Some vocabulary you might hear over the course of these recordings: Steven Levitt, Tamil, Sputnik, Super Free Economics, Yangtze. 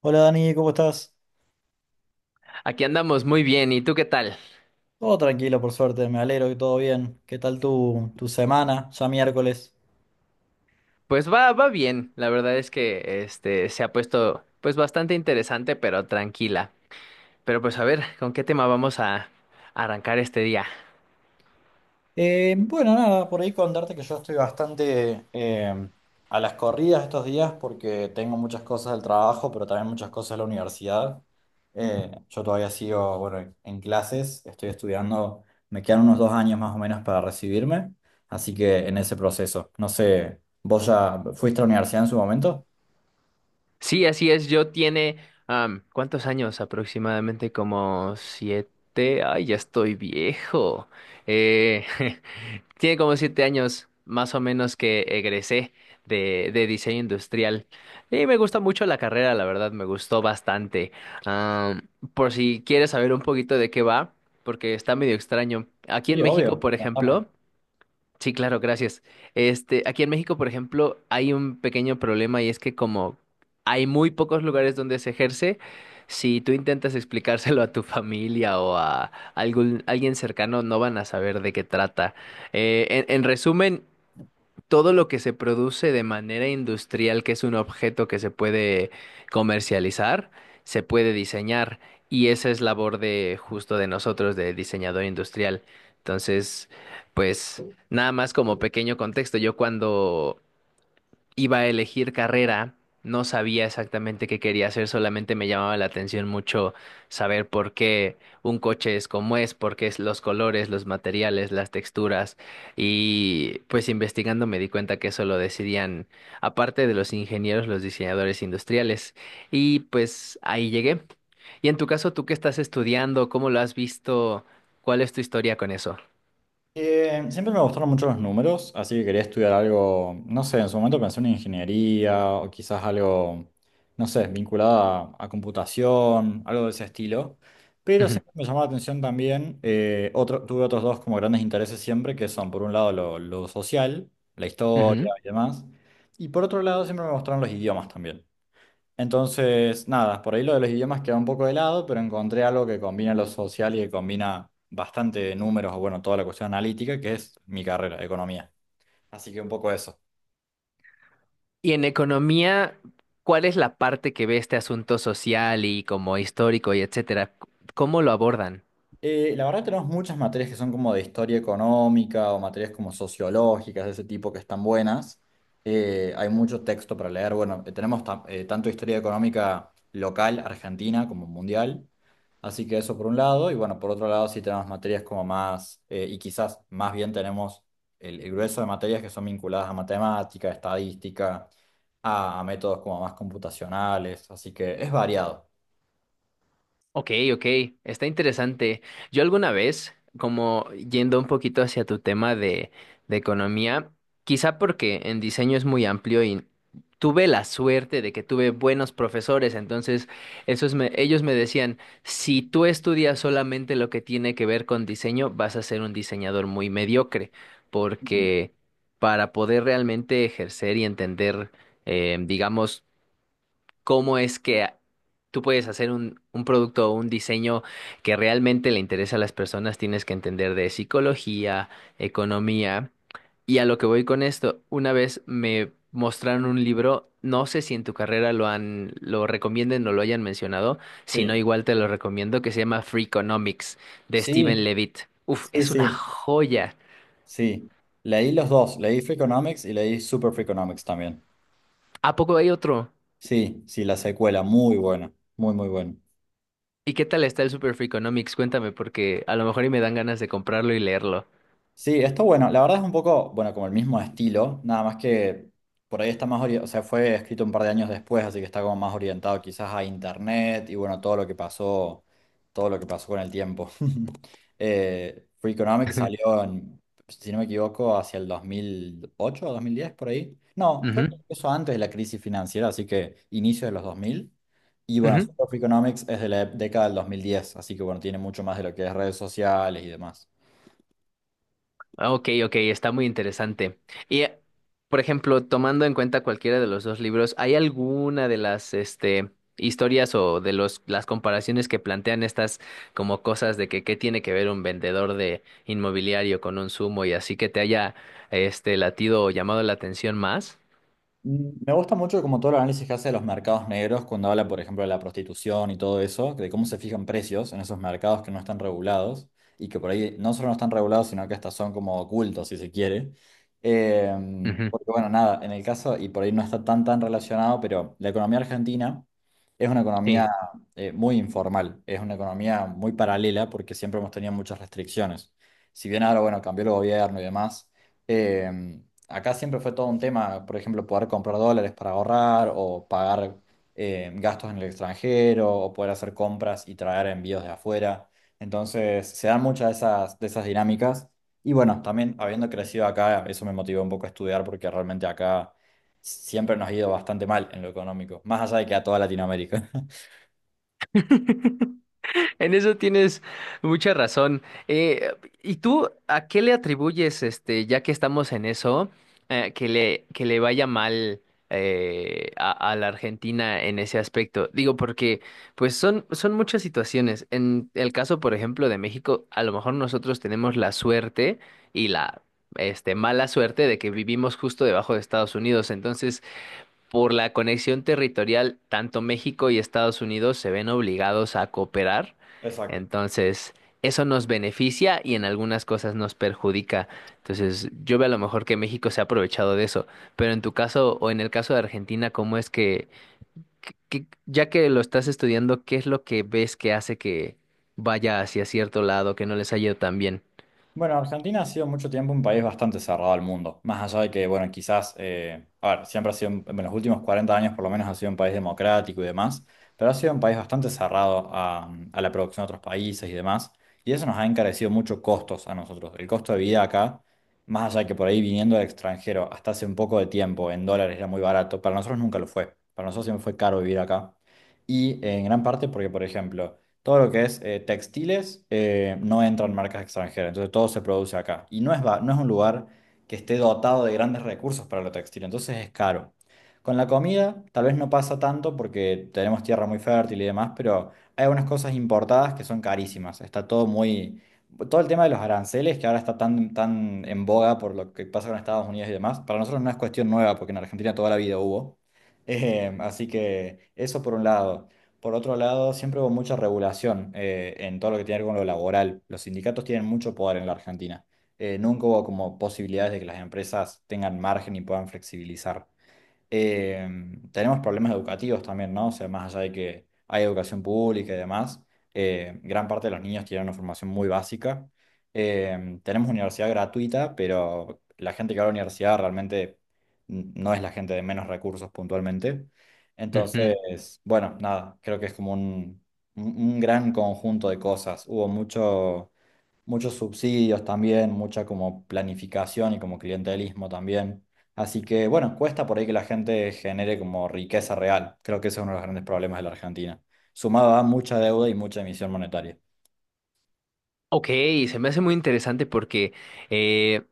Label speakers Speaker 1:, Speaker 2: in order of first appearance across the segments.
Speaker 1: Hola Dani, ¿cómo estás?
Speaker 2: Aquí andamos muy bien, ¿y tú qué tal?
Speaker 1: Todo tranquilo, por suerte, me alegro que todo bien. ¿Qué tal tu semana? Ya miércoles.
Speaker 2: Pues va bien. La verdad es que este se ha puesto pues bastante interesante, pero tranquila. Pero pues a ver, ¿con qué tema vamos a arrancar este día?
Speaker 1: Bueno, Nada, por ahí contarte que yo estoy bastante a las corridas estos días porque tengo muchas cosas del trabajo, pero también muchas cosas de la universidad. Yo todavía sigo, bueno, en clases, estoy estudiando, me quedan unos 2 años más o menos para recibirme, así que en ese proceso. No sé, ¿vos ya fuiste a la universidad en su momento?
Speaker 2: Sí, así es. Yo tiene ¿cuántos años? Aproximadamente como siete. Ay, ya estoy viejo. Eh, Tiene como 7 años, más o menos, que egresé de diseño industrial. Y me gusta mucho la carrera, la verdad, me gustó bastante. Ah, por si quieres saber un poquito de qué va, porque está medio extraño. Aquí en
Speaker 1: Sí,
Speaker 2: México,
Speaker 1: obvio.
Speaker 2: por
Speaker 1: Contame.
Speaker 2: ejemplo. Sí, claro, gracias. Este, aquí en México, por ejemplo, hay un pequeño problema y es que como hay muy pocos lugares donde se ejerce, si tú intentas explicárselo a tu familia o a algún alguien cercano, no van a saber de qué trata. En resumen, todo lo que se produce de manera industrial, que es un objeto que se puede comercializar, se puede diseñar. Y esa es labor de justo de nosotros, de diseñador industrial. Entonces, pues nada más como pequeño contexto, yo cuando iba a elegir carrera, no sabía exactamente qué quería hacer, solamente me llamaba la atención mucho saber por qué un coche es como es, por qué es los colores, los materiales, las texturas. Y pues investigando me di cuenta que eso lo decidían, aparte de los ingenieros, los diseñadores industriales. Y pues ahí llegué. Y en tu caso, ¿tú qué estás estudiando? ¿Cómo lo has visto? ¿Cuál es tu historia con eso?
Speaker 1: Siempre me gustaron mucho los números, así que quería estudiar algo, no sé, en su momento pensé en ingeniería o quizás algo, no sé, vinculado a computación, algo de ese estilo. Pero
Speaker 2: Ujú,
Speaker 1: siempre me llamó la atención también, tuve otros dos como grandes intereses siempre, que son por un lado lo social, la historia
Speaker 2: ujú.
Speaker 1: y demás, y por otro lado siempre me gustaron los idiomas también. Entonces, nada, por ahí lo de los idiomas queda un poco de lado, pero encontré algo que combina lo social y que combina bastante números, o bueno, toda la cuestión analítica, que es mi carrera, economía. Así que un poco eso.
Speaker 2: Y en economía, ¿cuál es la parte que ve este asunto social y como histórico y etcétera? ¿Cómo lo abordan?
Speaker 1: La verdad tenemos muchas materias que son como de historia económica o materias como sociológicas de ese tipo que están buenas. Hay mucho texto para leer. Bueno, tanto historia económica local, argentina, como mundial. Así que eso por un lado. Y bueno, por otro lado sí tenemos materias como más, y quizás más bien tenemos el grueso de materias que son vinculadas a matemática, estadística, a métodos como más computacionales. Así que es variado.
Speaker 2: Ok, ok, está interesante. Yo alguna vez, como yendo un poquito hacia tu tema de economía, quizá porque en diseño es muy amplio y tuve la suerte de que tuve buenos profesores, entonces ellos me decían, si tú estudias solamente lo que tiene que ver con diseño, vas a ser un diseñador muy mediocre, porque para poder realmente ejercer y entender, digamos, cómo es que tú puedes hacer un producto o un diseño que realmente le interesa a las personas. Tienes que entender de psicología, economía. Y a lo que voy con esto, una vez me mostraron un libro, no sé si en tu carrera lo recomienden o lo hayan mencionado, si no,
Speaker 1: Sí.
Speaker 2: igual te lo recomiendo, que se llama Free Economics de Steven
Speaker 1: Sí,
Speaker 2: Levitt. Uf,
Speaker 1: sí,
Speaker 2: es una
Speaker 1: sí.
Speaker 2: joya.
Speaker 1: Sí, leí los dos, leí Freakonomics y leí Super Freakonomics también.
Speaker 2: ¿A poco hay otro?
Speaker 1: Sí, sí, la secuela, muy buena, muy, muy buena.
Speaker 2: ¿Y qué tal está el Super Free Economics? Cuéntame, porque a lo mejor y me dan ganas de comprarlo y leerlo.
Speaker 1: Sí, esto bueno, la verdad es un poco, bueno, como el mismo estilo, nada más que por ahí está más orientado, o sea, fue escrito un par de años después, así que está como más orientado quizás a internet y bueno, todo lo que pasó, todo lo que pasó con el tiempo. Free salió, en, si no me equivoco, hacia el 2008 o 2010 por ahí. No, creo que
Speaker 2: Ujú.
Speaker 1: eso antes de la crisis financiera, así que inicio de los 2000. Y bueno,
Speaker 2: Ujú.
Speaker 1: Free es de la década del 2010, así que bueno, tiene mucho más de lo que es redes sociales y demás.
Speaker 2: Ah, ok, ok, está muy interesante. Y, por ejemplo, tomando en cuenta cualquiera de los dos libros, ¿hay alguna de las, este, historias o de las comparaciones que plantean estas como cosas de que qué tiene que ver un vendedor de inmobiliario con un sumo y así que te haya, este, latido o llamado la atención más?
Speaker 1: Me gusta mucho como todo el análisis que hace de los mercados negros cuando habla, por ejemplo, de la prostitución y todo eso, de cómo se fijan precios en esos mercados que no están regulados y que por ahí no solo no están regulados, sino que hasta son como ocultos, si se quiere. Eh,
Speaker 2: Ujú.
Speaker 1: Porque bueno, nada, en el caso, y por ahí no está tan tan relacionado, pero la economía argentina es una
Speaker 2: Sí.
Speaker 1: economía muy informal, es una economía muy paralela porque siempre hemos tenido muchas restricciones. Si bien ahora, bueno, cambió el gobierno y demás. Acá siempre fue todo un tema, por ejemplo, poder comprar dólares para ahorrar o pagar gastos en el extranjero o poder hacer compras y traer envíos de afuera. Entonces, se dan muchas de esas dinámicas. Y bueno, también habiendo crecido acá, eso me motivó un poco a estudiar porque realmente acá siempre nos ha ido bastante mal en lo económico, más allá de que a toda Latinoamérica.
Speaker 2: En eso tienes mucha razón. Eh, ¿Y tú a qué le atribuyes, este, ya que estamos en eso, que le vaya mal a la Argentina en ese aspecto? Digo, porque pues son muchas situaciones. En el caso, por ejemplo, de México, a lo mejor nosotros tenemos la suerte y la, este, mala suerte de que vivimos justo debajo de Estados Unidos. Entonces, por la conexión territorial, tanto México y Estados Unidos se ven obligados a cooperar.
Speaker 1: Exacto.
Speaker 2: Entonces, eso nos beneficia y en algunas cosas nos perjudica. Entonces, yo veo a lo mejor que México se ha aprovechado de eso. Pero en tu caso o en el caso de Argentina, ¿cómo es ya que lo estás estudiando, qué es lo que ves que hace que vaya hacia cierto lado, que no les haya ido tan bien?
Speaker 1: Bueno, Argentina ha sido mucho tiempo un país bastante cerrado al mundo, más allá de que, bueno, quizás, a ver, siempre ha sido, en los últimos 40 años por lo menos ha sido un país democrático y demás, pero ha sido un país bastante cerrado a la producción de otros países y demás, y eso nos ha encarecido mucho costos a nosotros. El costo de vida acá, más allá de que por ahí viniendo del extranjero hasta hace un poco de tiempo en dólares era muy barato, para nosotros nunca lo fue, para nosotros siempre fue caro vivir acá, y en gran parte porque, por ejemplo, todo lo que es textiles no entran marcas extranjeras, entonces todo se produce acá. Y no es, no es un lugar que esté dotado de grandes recursos para lo textil, entonces es caro. Con la comida tal vez no pasa tanto porque tenemos tierra muy fértil y demás, pero hay algunas cosas importadas que son carísimas. Está todo muy... Todo el tema de los aranceles que ahora está tan, tan en boga por lo que pasa con Estados Unidos y demás, para nosotros no es cuestión nueva porque en Argentina toda la vida hubo. Así que eso por un lado. Por otro lado, siempre hubo mucha regulación en todo lo que tiene que ver con lo laboral. Los sindicatos tienen mucho poder en la Argentina. Nunca hubo como posibilidades de que las empresas tengan margen y puedan flexibilizar, eh, tenemos problemas educativos también, ¿no? O sea, más allá de que hay educación pública y demás, gran parte de los niños tienen una formación muy básica. Tenemos universidad gratuita, pero la gente que va a la universidad realmente no es la gente de menos recursos puntualmente.
Speaker 2: Ujú.
Speaker 1: Entonces, bueno, nada, creo que es como un gran conjunto de cosas. Hubo muchos subsidios también, mucha como planificación y como clientelismo también. Así que bueno, cuesta por ahí que la gente genere como riqueza real. Creo que ese es uno de los grandes problemas de la Argentina. Sumado a mucha deuda y mucha emisión monetaria.
Speaker 2: Ok, se me hace muy interesante porque eh,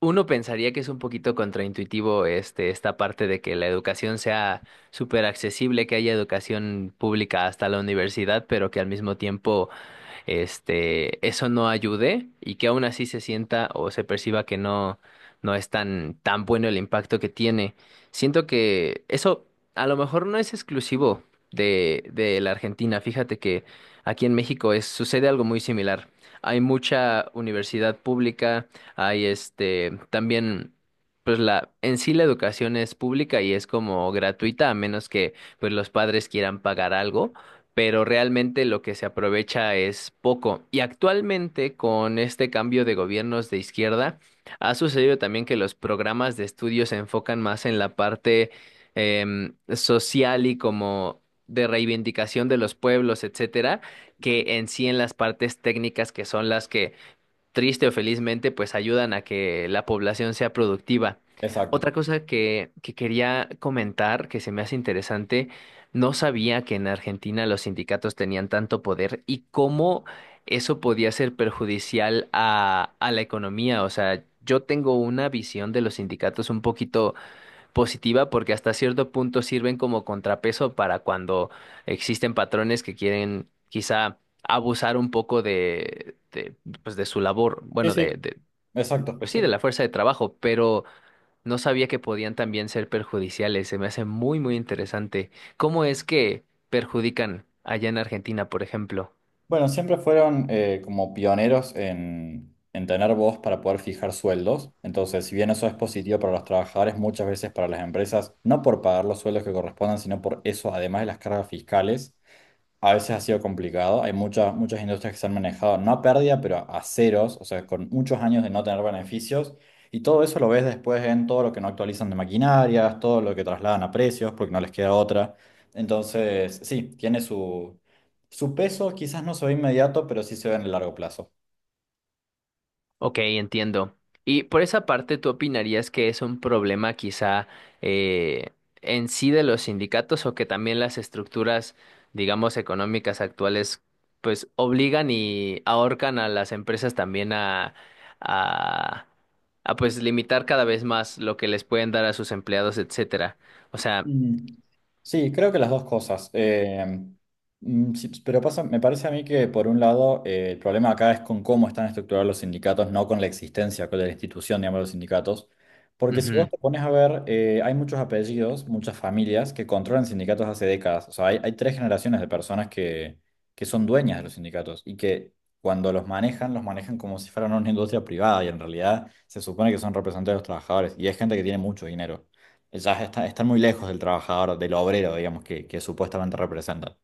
Speaker 2: uno pensaría que es un poquito contraintuitivo este, esta parte de que la educación sea súper accesible, que haya educación pública hasta la universidad, pero que al mismo tiempo este, eso no ayude y que aún así se sienta o se perciba que no, no es tan, tan bueno el impacto que tiene. Siento que eso a lo mejor no es exclusivo de la Argentina. Fíjate que aquí en México sucede algo muy similar. Hay mucha universidad pública, hay este, también pues la en sí la educación es pública y es como gratuita a menos que pues los padres quieran pagar algo, pero realmente lo que se aprovecha es poco. Y actualmente, con este cambio de gobiernos de izquierda, ha sucedido también que los programas de estudio se enfocan más en la parte social y como de reivindicación de los pueblos, etcétera, que en sí en las partes técnicas que son las que triste o felizmente, pues ayudan a que la población sea productiva.
Speaker 1: Exacto.
Speaker 2: Otra cosa que quería comentar, que se me hace interesante, no sabía que en Argentina los sindicatos tenían tanto poder y cómo eso podía ser perjudicial a la economía. O sea, yo tengo una visión de los sindicatos un poquito positiva porque hasta cierto punto sirven como contrapeso para cuando existen patrones que quieren quizá abusar un poco de, pues de su labor,
Speaker 1: Sí,
Speaker 2: bueno, de,
Speaker 1: sí.
Speaker 2: de,
Speaker 1: Exacto,
Speaker 2: pues sí, de
Speaker 1: sí.
Speaker 2: la fuerza de trabajo, pero no sabía que podían también ser perjudiciales. Se me hace muy, muy interesante. ¿Cómo es que perjudican allá en Argentina, por ejemplo?
Speaker 1: Bueno, siempre fueron como pioneros en tener voz para poder fijar sueldos. Entonces, si bien eso es positivo para los trabajadores, muchas veces para las empresas, no por pagar los sueldos que correspondan, sino por eso, además de las cargas fiscales, a veces ha sido complicado. Hay muchas, muchas industrias que se han manejado, no a pérdida, pero a ceros, o sea, con muchos años de no tener beneficios. Y todo eso lo ves después en todo lo que no actualizan de maquinarias, todo lo que trasladan a precios, porque no les queda otra. Entonces, sí, tiene su peso, quizás no se ve inmediato, pero sí se ve en el largo plazo.
Speaker 2: Ok, entiendo. Y por esa parte, ¿tú opinarías que es un problema quizá eh, en sí de los sindicatos o que también las estructuras, digamos, económicas actuales, pues obligan y ahorcan a las empresas también a, a pues limitar cada vez más lo que les pueden dar a sus empleados, etcétera? O sea,
Speaker 1: Mm. Sí, creo que las dos cosas. Sí, pero pasa, me parece a mí que por un lado el problema acá es con cómo están estructurados los sindicatos, no con la existencia con la institución, digamos, de los sindicatos. Porque si vos
Speaker 2: ujú,
Speaker 1: te pones a ver, hay muchos apellidos, muchas familias que controlan sindicatos hace décadas. O sea, hay tres generaciones de personas que son dueñas de los sindicatos y que cuando los manejan como si fueran una industria privada y en realidad se supone que son representantes de los trabajadores y es gente que tiene mucho dinero ya están muy lejos del trabajador, del obrero, digamos, que supuestamente representan.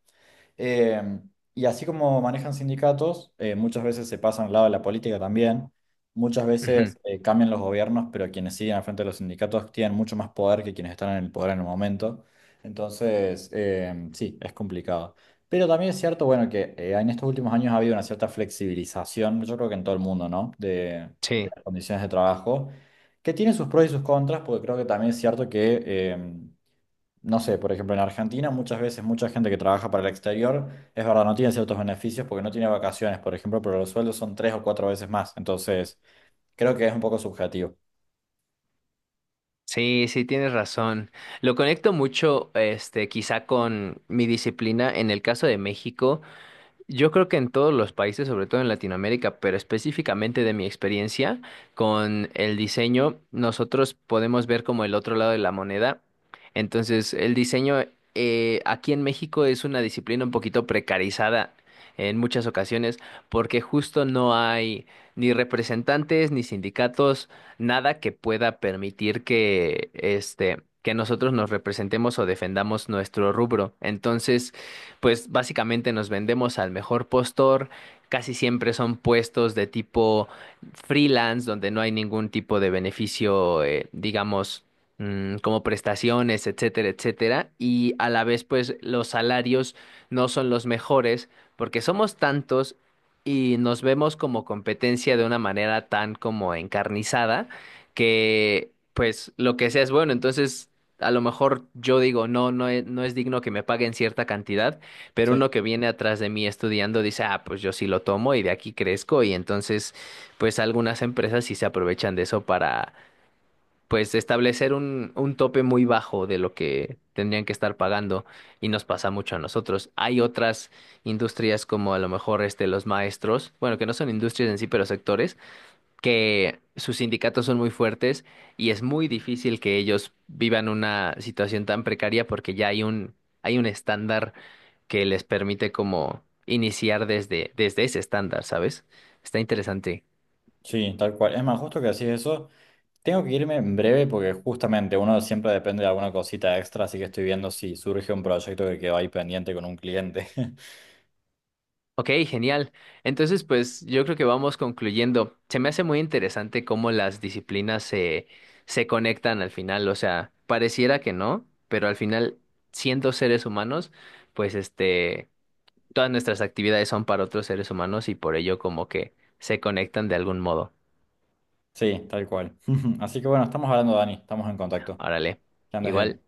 Speaker 1: Eh, y así como manejan sindicatos, muchas veces se pasan al lado de la política también. Muchas
Speaker 2: ujú,
Speaker 1: veces cambian los gobiernos, pero quienes siguen al frente de los sindicatos tienen mucho más poder que quienes están en el poder en el momento. Entonces, sí, es complicado. Pero también es cierto, bueno, que en estos últimos años ha habido una cierta flexibilización, yo creo que en todo el mundo, ¿no? De
Speaker 2: sí.
Speaker 1: las condiciones de trabajo, que tiene sus pros y sus contras, porque creo que también es cierto que... no sé, por ejemplo, en Argentina muchas veces mucha gente que trabaja para el exterior, es verdad, no tiene ciertos beneficios porque no tiene vacaciones, por ejemplo, pero los sueldos son tres o cuatro veces más. Entonces, creo que es un poco subjetivo.
Speaker 2: Sí, sí, tienes razón. Lo conecto mucho, este, quizá con mi disciplina. En el caso de México, yo creo que en todos los países, sobre todo en Latinoamérica, pero específicamente de mi experiencia con el diseño, nosotros podemos ver como el otro lado de la moneda. Entonces, el diseño aquí en México es una disciplina un poquito precarizada en muchas ocasiones porque justo no hay ni representantes, ni sindicatos, nada que pueda permitir que nosotros nos representemos o defendamos nuestro rubro. Entonces, pues básicamente nos vendemos al mejor postor. Casi siempre son puestos de tipo freelance, donde no hay ningún tipo de beneficio, digamos, como prestaciones, etcétera, etcétera. Y a la vez, pues los salarios no son los mejores porque somos tantos y nos vemos como competencia de una manera tan como encarnizada que pues lo que sea es bueno. Entonces, a lo mejor yo digo, no, no es digno que me paguen cierta cantidad, pero
Speaker 1: Sí.
Speaker 2: uno que viene atrás de mí estudiando dice, ah, pues yo sí lo tomo y de aquí crezco. Y entonces, pues algunas empresas sí se aprovechan de eso para, pues, establecer un tope muy bajo de lo que tendrían que estar pagando. Y nos pasa mucho a nosotros. Hay otras industrias como a lo mejor este, los maestros, bueno, que no son industrias en sí, pero sectores, que sus sindicatos son muy fuertes y es muy difícil que ellos vivan una situación tan precaria porque ya hay un estándar que les permite como iniciar desde ese estándar, ¿sabes? Está interesante.
Speaker 1: Sí, tal cual. Es más, justo que decís eso, tengo que irme en breve porque justamente uno siempre depende de alguna cosita extra, así que estoy viendo si surge un proyecto que quedó ahí pendiente con un cliente.
Speaker 2: Ok, genial. Entonces, pues yo creo que vamos concluyendo. Se me hace muy interesante cómo las disciplinas se conectan al final. O sea, pareciera que no, pero al final, siendo seres humanos, pues este, todas nuestras actividades son para otros seres humanos y por ello como que se conectan de algún modo.
Speaker 1: Sí, tal cual. Así que bueno, estamos hablando, Dani, estamos en contacto.
Speaker 2: Árale.
Speaker 1: Que andes
Speaker 2: Igual.
Speaker 1: bien.